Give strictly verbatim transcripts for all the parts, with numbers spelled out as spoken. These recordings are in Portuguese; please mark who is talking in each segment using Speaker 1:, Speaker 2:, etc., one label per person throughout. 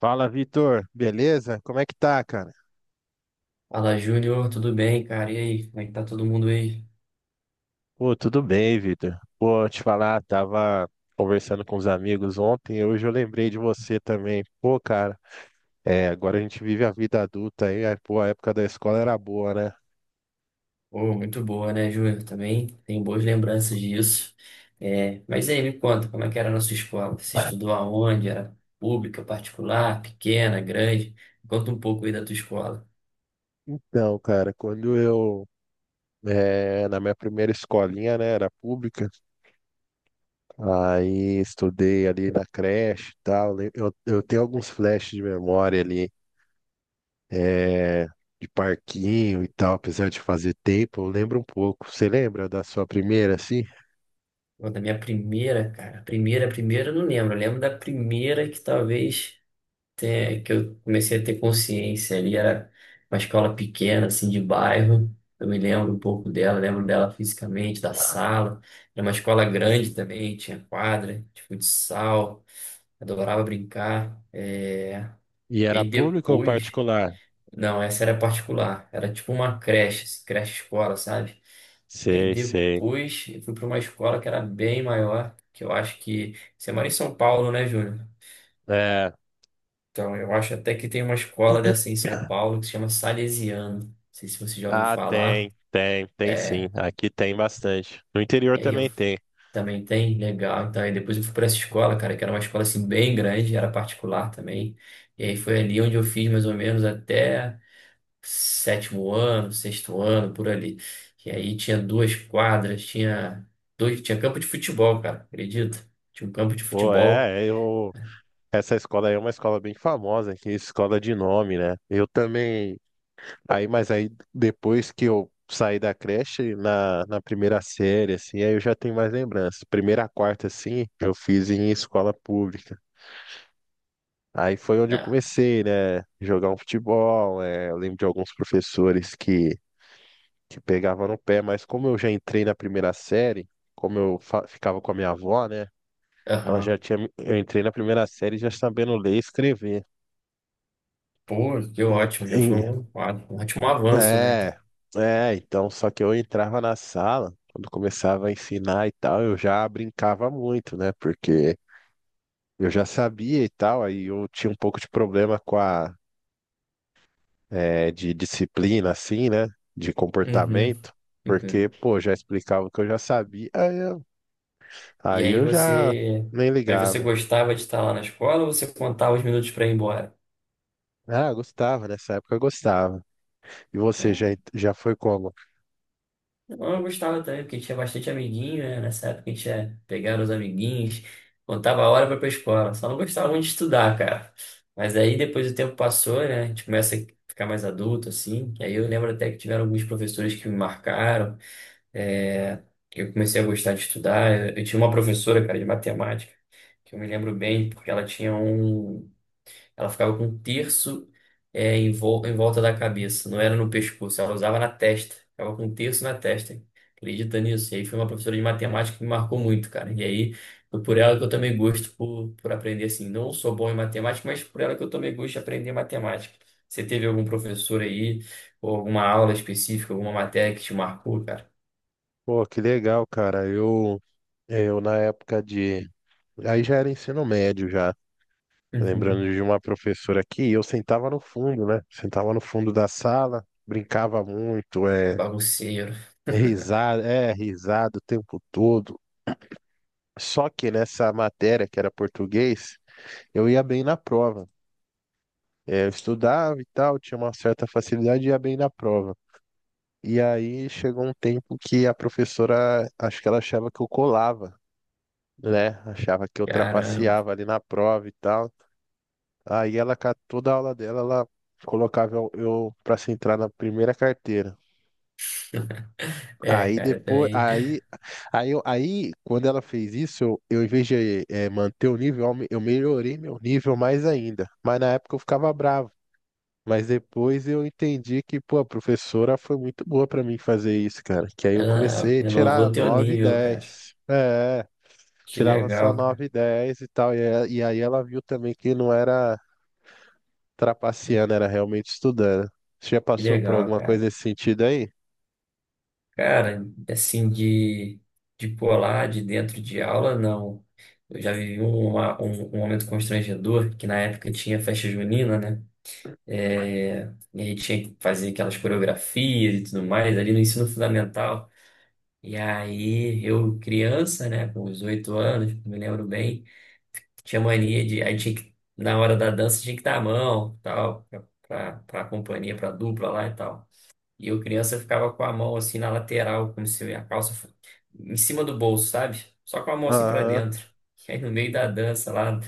Speaker 1: Fala, Vitor. Beleza? Como é que tá, cara?
Speaker 2: Fala, Júnior, tudo bem, cara? E aí, como é que tá todo mundo aí?
Speaker 1: Pô, tudo bem, Vitor. Pô, te falar, tava conversando com os amigos ontem, e hoje eu lembrei de você também. Pô, cara, é, agora a gente vive a vida adulta aí, aí, pô, a época da escola era boa, né?
Speaker 2: Pô, muito boa, né, Júnior? Também tenho boas lembranças disso. É, mas aí, me conta, como é que era a nossa escola? Você estudou aonde? Era pública, particular, pequena, grande? Conta um pouco aí da tua escola.
Speaker 1: Então, cara, quando eu, é, na minha primeira escolinha, né, era pública, aí estudei ali na creche e tal, le- eu, eu tenho alguns flashes de memória ali, é, de parquinho e tal, apesar de fazer tempo, eu lembro um pouco. Você lembra da sua primeira, assim?
Speaker 2: Pô, da minha primeira, cara. Primeira, primeira, eu não lembro. Eu lembro da primeira que talvez. Até que eu comecei a ter consciência ali, era uma escola pequena, assim, de bairro. Eu me lembro um pouco dela, lembro dela fisicamente, da sala. Era uma escola grande também, tinha quadra de futsal, adorava brincar. É...
Speaker 1: E era
Speaker 2: E
Speaker 1: público ou
Speaker 2: depois,
Speaker 1: particular?
Speaker 2: não, essa era particular, era tipo uma creche, assim, creche-escola, sabe? E aí
Speaker 1: Sei, sei.
Speaker 2: depois eu fui para uma escola que era bem maior, que eu acho que... Você mora em São Paulo, né, Júnior?
Speaker 1: É.
Speaker 2: Então, eu acho até que tem uma escola dessa em São Paulo que se chama Salesiano. Não sei se você já ouviu
Speaker 1: Ah,
Speaker 2: falar.
Speaker 1: tem, tem, tem sim.
Speaker 2: É,
Speaker 1: Aqui tem bastante. No interior
Speaker 2: e aí
Speaker 1: também
Speaker 2: eu
Speaker 1: tem.
Speaker 2: também tem, legal. Então, aí depois eu fui para essa escola, cara, que era uma escola assim bem grande, era particular também. E aí foi ali onde eu fiz mais ou menos até sétimo ano, sexto ano, por ali. E aí tinha duas quadras, tinha dois, tinha campo de futebol, cara, acredita? Tinha um campo de
Speaker 1: Pô,
Speaker 2: futebol.
Speaker 1: é, eu. Essa escola aí é uma escola bem famosa aqui, escola de nome, né? Eu também. Aí, mas aí depois que eu saí da creche, na, na primeira série, assim, aí eu já tenho mais lembranças. Primeira a quarta, assim, eu fiz em escola pública. Aí foi onde eu
Speaker 2: É,
Speaker 1: comecei, né? Jogar um futebol. É, eu lembro de alguns professores que, que pegavam no pé, mas como eu já entrei na primeira série, como eu fa- ficava com a minha avó, né? Ela já
Speaker 2: aham.
Speaker 1: tinha. Me- Eu entrei na primeira série já sabendo ler e escrever.
Speaker 2: Pô, que ótimo, já foi
Speaker 1: E,
Speaker 2: um, um ótimo avanço, né,
Speaker 1: É,
Speaker 2: cara?
Speaker 1: é, então, só que eu entrava na sala, quando começava a ensinar e tal, eu já brincava muito, né? Porque eu já sabia e tal, aí eu tinha um pouco de problema com a, é, de disciplina, assim, né? De
Speaker 2: Uhum,
Speaker 1: comportamento, porque,
Speaker 2: uhum.
Speaker 1: pô, já explicava o que eu já sabia, aí eu,
Speaker 2: E
Speaker 1: aí
Speaker 2: aí
Speaker 1: eu já
Speaker 2: você.
Speaker 1: nem
Speaker 2: Mas você
Speaker 1: ligava.
Speaker 2: gostava de estar lá na escola ou você contava os minutos para ir embora?
Speaker 1: Ah, gostava, nessa época eu gostava. E você
Speaker 2: É,
Speaker 1: já, já foi como?
Speaker 2: não, eu gostava também, porque tinha bastante amiguinho, né? Nessa época a gente ia pegar os amiguinhos, contava a hora para ir pra escola. Só não gostava muito de estudar, cara. Mas aí depois o tempo passou, né? A gente começa a ficar mais adulto, assim. E aí eu lembro até que tiveram alguns professores que me marcaram. É, eu comecei a gostar de estudar. Eu, eu tinha uma professora, cara, de matemática, que eu me lembro bem, porque ela tinha um. Ela ficava com um terço é, em, vol- em volta da cabeça, não era no pescoço, ela usava na testa, ficava com um terço na testa. Acredita nisso? E aí foi uma professora de matemática que me marcou muito, cara. E aí foi por ela que eu tomei gosto por, por aprender assim. Não sou bom em matemática, mas por ela que eu tomei gosto de aprender matemática. Você teve algum professor aí, ou alguma aula específica, alguma matéria que te marcou, cara?
Speaker 1: Pô, que legal, cara, eu, eu na época de. Aí já era ensino médio já.
Speaker 2: Uhum.
Speaker 1: Lembrando de uma professora aqui, eu sentava no fundo, né? Sentava no fundo da sala, brincava muito, é
Speaker 2: Bagunceiro.
Speaker 1: risada, é risada o tempo todo. Só que nessa matéria que era português, eu ia bem na prova. É, eu estudava e tal, tinha uma certa facilidade e ia bem na prova. E aí chegou um tempo que a professora, acho que ela achava que eu colava, né? Achava que eu
Speaker 2: Caramba.
Speaker 1: trapaceava ali na prova e tal. Aí ela, ca- toda a aula dela, ela colocava eu, eu para se entrar na primeira carteira.
Speaker 2: É,
Speaker 1: Aí
Speaker 2: cara, eu
Speaker 1: depois,
Speaker 2: também.
Speaker 1: aí, aí, eu- Aí quando ela fez isso, eu, eu em vez de eh, manter o nível, eu aume- eu melhorei meu nível mais ainda. Mas na época eu ficava bravo. Mas depois eu entendi que, pô, a professora foi muito boa pra mim fazer isso, cara. Que aí eu
Speaker 2: Ela
Speaker 1: comecei a tirar
Speaker 2: renovou teu
Speaker 1: nove
Speaker 2: nível, cara.
Speaker 1: dez, É,
Speaker 2: Que
Speaker 1: tirava só
Speaker 2: legal, cara.
Speaker 1: nove dez e tal. E, a- e aí ela viu também que não era trapaceando, era realmente estudando. Você já
Speaker 2: Que
Speaker 1: passou por
Speaker 2: legal,
Speaker 1: alguma coisa
Speaker 2: cara.
Speaker 1: nesse sentido aí?
Speaker 2: Cara, assim, de, de pular de dentro de aula, não. Eu já vivi um, uma- um, um momento constrangedor, que na época tinha festa junina, né? É, e aí tinha que fazer aquelas coreografias e tudo mais ali no ensino fundamental. E aí eu, criança, né, com os oito anos, me lembro bem. Tinha mania de. Aí tinha que, na hora da dança tinha que dar a mão, tal, pra, pra, pra companhia, pra dupla lá e tal. E eu, criança, ficava com a mão assim na lateral, como se a calça fo- em cima do bolso, sabe? Só com a mão assim pra
Speaker 1: Aham.
Speaker 2: dentro. E aí no meio da dança lá,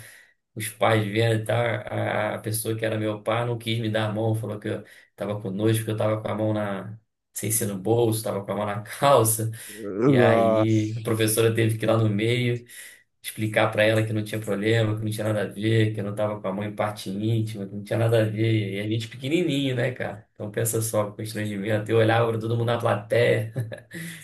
Speaker 2: os pais vendo e tal, a, a pessoa que era meu pai não quis me dar a mão, falou que eu tava com nojo, porque eu tava com a mão na. Sem ser no bolso, tava com a mão na calça. E
Speaker 1: Nossa.
Speaker 2: aí a professora teve que ir lá no meio explicar para ela que não tinha problema, que não tinha nada a ver, que eu não tava com a mãe em parte íntima, que não tinha nada a ver. E a gente pequenininho, né, cara? Então pensa só, o constrangimento. Eu olhava pra todo mundo na plateia.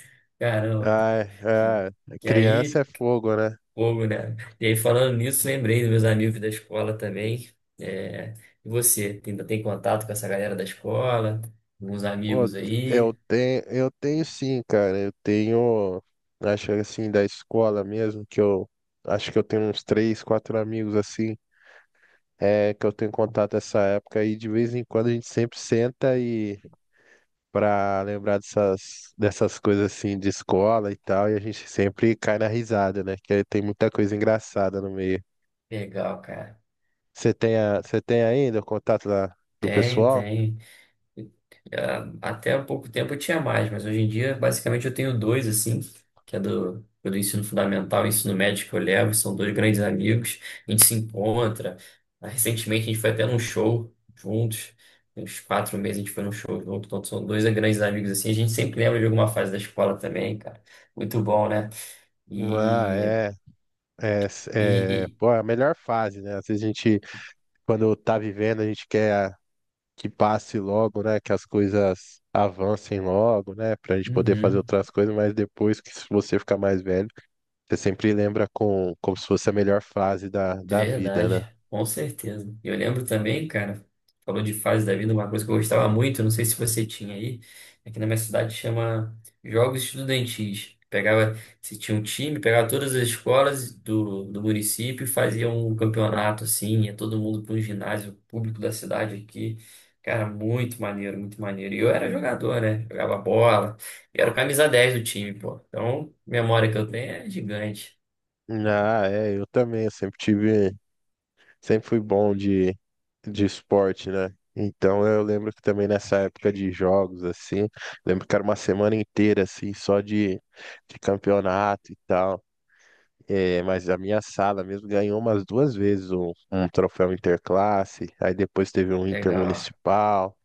Speaker 2: Caramba.
Speaker 1: Ai,
Speaker 2: Que,
Speaker 1: é.
Speaker 2: que
Speaker 1: Criança
Speaker 2: aí,
Speaker 1: é fogo, né?
Speaker 2: fogo, né? E aí, falando nisso, lembrei dos meus amigos da escola também. É, e você, ainda tem contato com essa galera da escola? Alguns
Speaker 1: Pô,
Speaker 2: amigos
Speaker 1: eu
Speaker 2: aí?
Speaker 1: tenho, eu tenho sim, cara. Eu tenho, acho que assim, da escola mesmo, que eu acho que eu tenho uns três, quatro amigos assim, é, que eu tenho contato nessa época e de vez em quando a gente sempre senta e para lembrar dessas, dessas coisas assim de escola e tal, e a gente sempre cai na risada, né? Que tem muita coisa engraçada no meio.
Speaker 2: Legal, cara.
Speaker 1: Você tem, a, você tem ainda o contato da, do
Speaker 2: Tem,
Speaker 1: pessoal?
Speaker 2: tem. Ah, até há pouco tempo eu tinha mais, mas hoje em dia, basicamente, eu tenho dois, assim, que é do, é do ensino fundamental e ensino médio que eu levo, são dois grandes amigos, a gente se encontra. Ah, recentemente, a gente foi até num show juntos. Tem uns quatro meses a gente foi num show junto, então são dois grandes amigos, assim, a gente sempre lembra de alguma fase da escola também, cara. Muito bom, né?
Speaker 1: Ah,
Speaker 2: E,
Speaker 1: é. É,
Speaker 2: e,
Speaker 1: é,
Speaker 2: e-
Speaker 1: Pô, é a melhor fase, né? Às vezes a gente, quando tá vivendo, a gente quer que passe logo, né? Que as coisas avancem logo, né? Pra gente poder fazer
Speaker 2: Uhum.
Speaker 1: outras coisas, mas depois que se você ficar mais velho, você sempre lembra com, como se fosse a melhor fase da, da vida, né?
Speaker 2: Verdade, com certeza. Eu lembro também, cara, falou de fase da vida, uma coisa que eu gostava muito, não sei se você tinha aí, aqui na minha cidade chama Jogos Estudantis. Pegava, se tinha um time, pegava todas as escolas do, do município e fazia um campeonato assim, ia todo mundo para um ginásio público da cidade aqui. Cara, muito maneiro, muito maneiro. E eu era jogador, né? Jogava bola, e era o camisa dez do time, pô. Então, memória que eu tenho é gigante.
Speaker 1: Ah, é, eu também, eu sempre tive, sempre fui bom de, de esporte, né? Então eu lembro que também nessa época de jogos, assim, lembro que era uma semana inteira, assim, só de, de campeonato e tal. É, mas a minha sala mesmo ganhou umas duas vezes um, um troféu interclasse, aí depois teve um
Speaker 2: Legal,
Speaker 1: intermunicipal.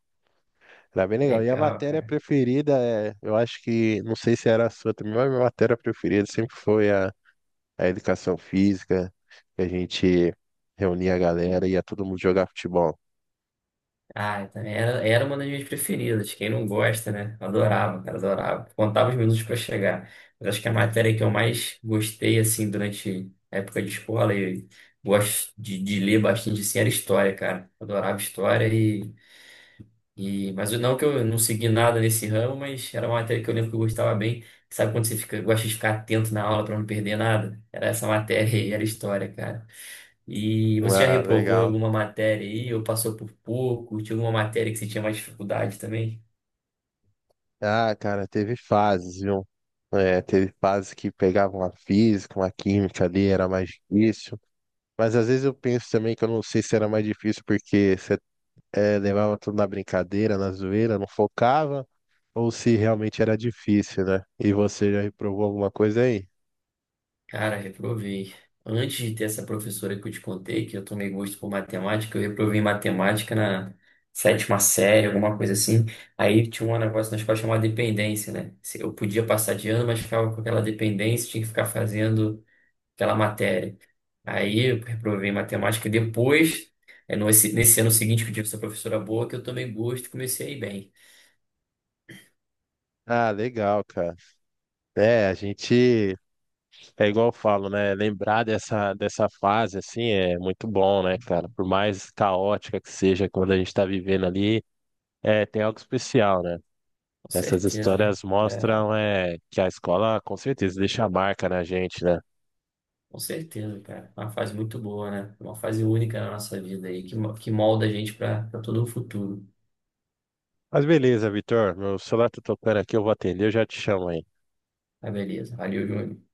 Speaker 1: Era bem legal. E a
Speaker 2: legal,
Speaker 1: matéria
Speaker 2: cara.
Speaker 1: preferida, é, eu acho que, não sei se era a sua também, mas a minha matéria preferida sempre foi a educação física, que a gente reunia a galera e ia todo mundo jogar futebol.
Speaker 2: Ah, eu também era, era uma das minhas preferidas. Quem não gosta, né? Eu adorava, cara, adorava. Contava os minutos para chegar. Mas acho que a matéria que eu mais gostei, assim, durante a época de escola, e gosto de, de ler bastante, assim, era história, cara. Adorava história e, mas eu- não que eu não segui nada nesse ramo, mas era uma matéria que eu lembro que eu gostava bem. Sabe quando você fica, gosta de ficar atento na aula para não perder nada? Era essa matéria aí, era história, cara. E você já
Speaker 1: Ah,
Speaker 2: reprovou em
Speaker 1: legal.
Speaker 2: alguma matéria aí, ou passou por pouco? Tinha alguma matéria que você tinha mais dificuldade também?
Speaker 1: Ah, cara, teve fases, viu? É, teve fases que pegavam a física, uma química ali, era mais difícil. Mas às vezes eu penso também que eu não sei se era mais difícil porque você é, levava tudo na brincadeira, na zoeira, não focava, ou se realmente era difícil, né? E você já reprovou alguma coisa aí?
Speaker 2: Cara, reprovei. Antes de ter essa professora que eu te contei, que eu tomei gosto por matemática, eu reprovei em matemática na sétima série, alguma coisa assim. Aí tinha um negócio na escola chamado dependência, né? Se- eu podia passar de ano, mas ficava com aquela dependência, tinha que ficar fazendo aquela matéria. Aí eu reprovei em matemática. Depois, é, no- esse- nesse ano seguinte que eu tive essa professora boa, que eu tomei gosto e comecei a ir bem.
Speaker 1: Ah, legal, cara. É, a gente É igual eu falo, né? Lembrar dessa, dessa fase, assim, é muito bom, né, cara? Por mais caótica que seja quando a gente tá vivendo ali, é, tem algo especial, né?
Speaker 2: Com
Speaker 1: Essas
Speaker 2: certeza. Né?
Speaker 1: histórias
Speaker 2: É.
Speaker 1: mostram, é, que a escola, com certeza, deixa a marca na gente, né?
Speaker 2: Com certeza, cara. Uma fase muito boa, né? Uma fase única na nossa vida aí, que, mo- que molda a gente para todo o futuro.
Speaker 1: Mas beleza, Vitor, meu celular tá tocando aqui, eu vou atender, eu já te chamo aí.
Speaker 2: Tá, beleza. Valeu, Júnior.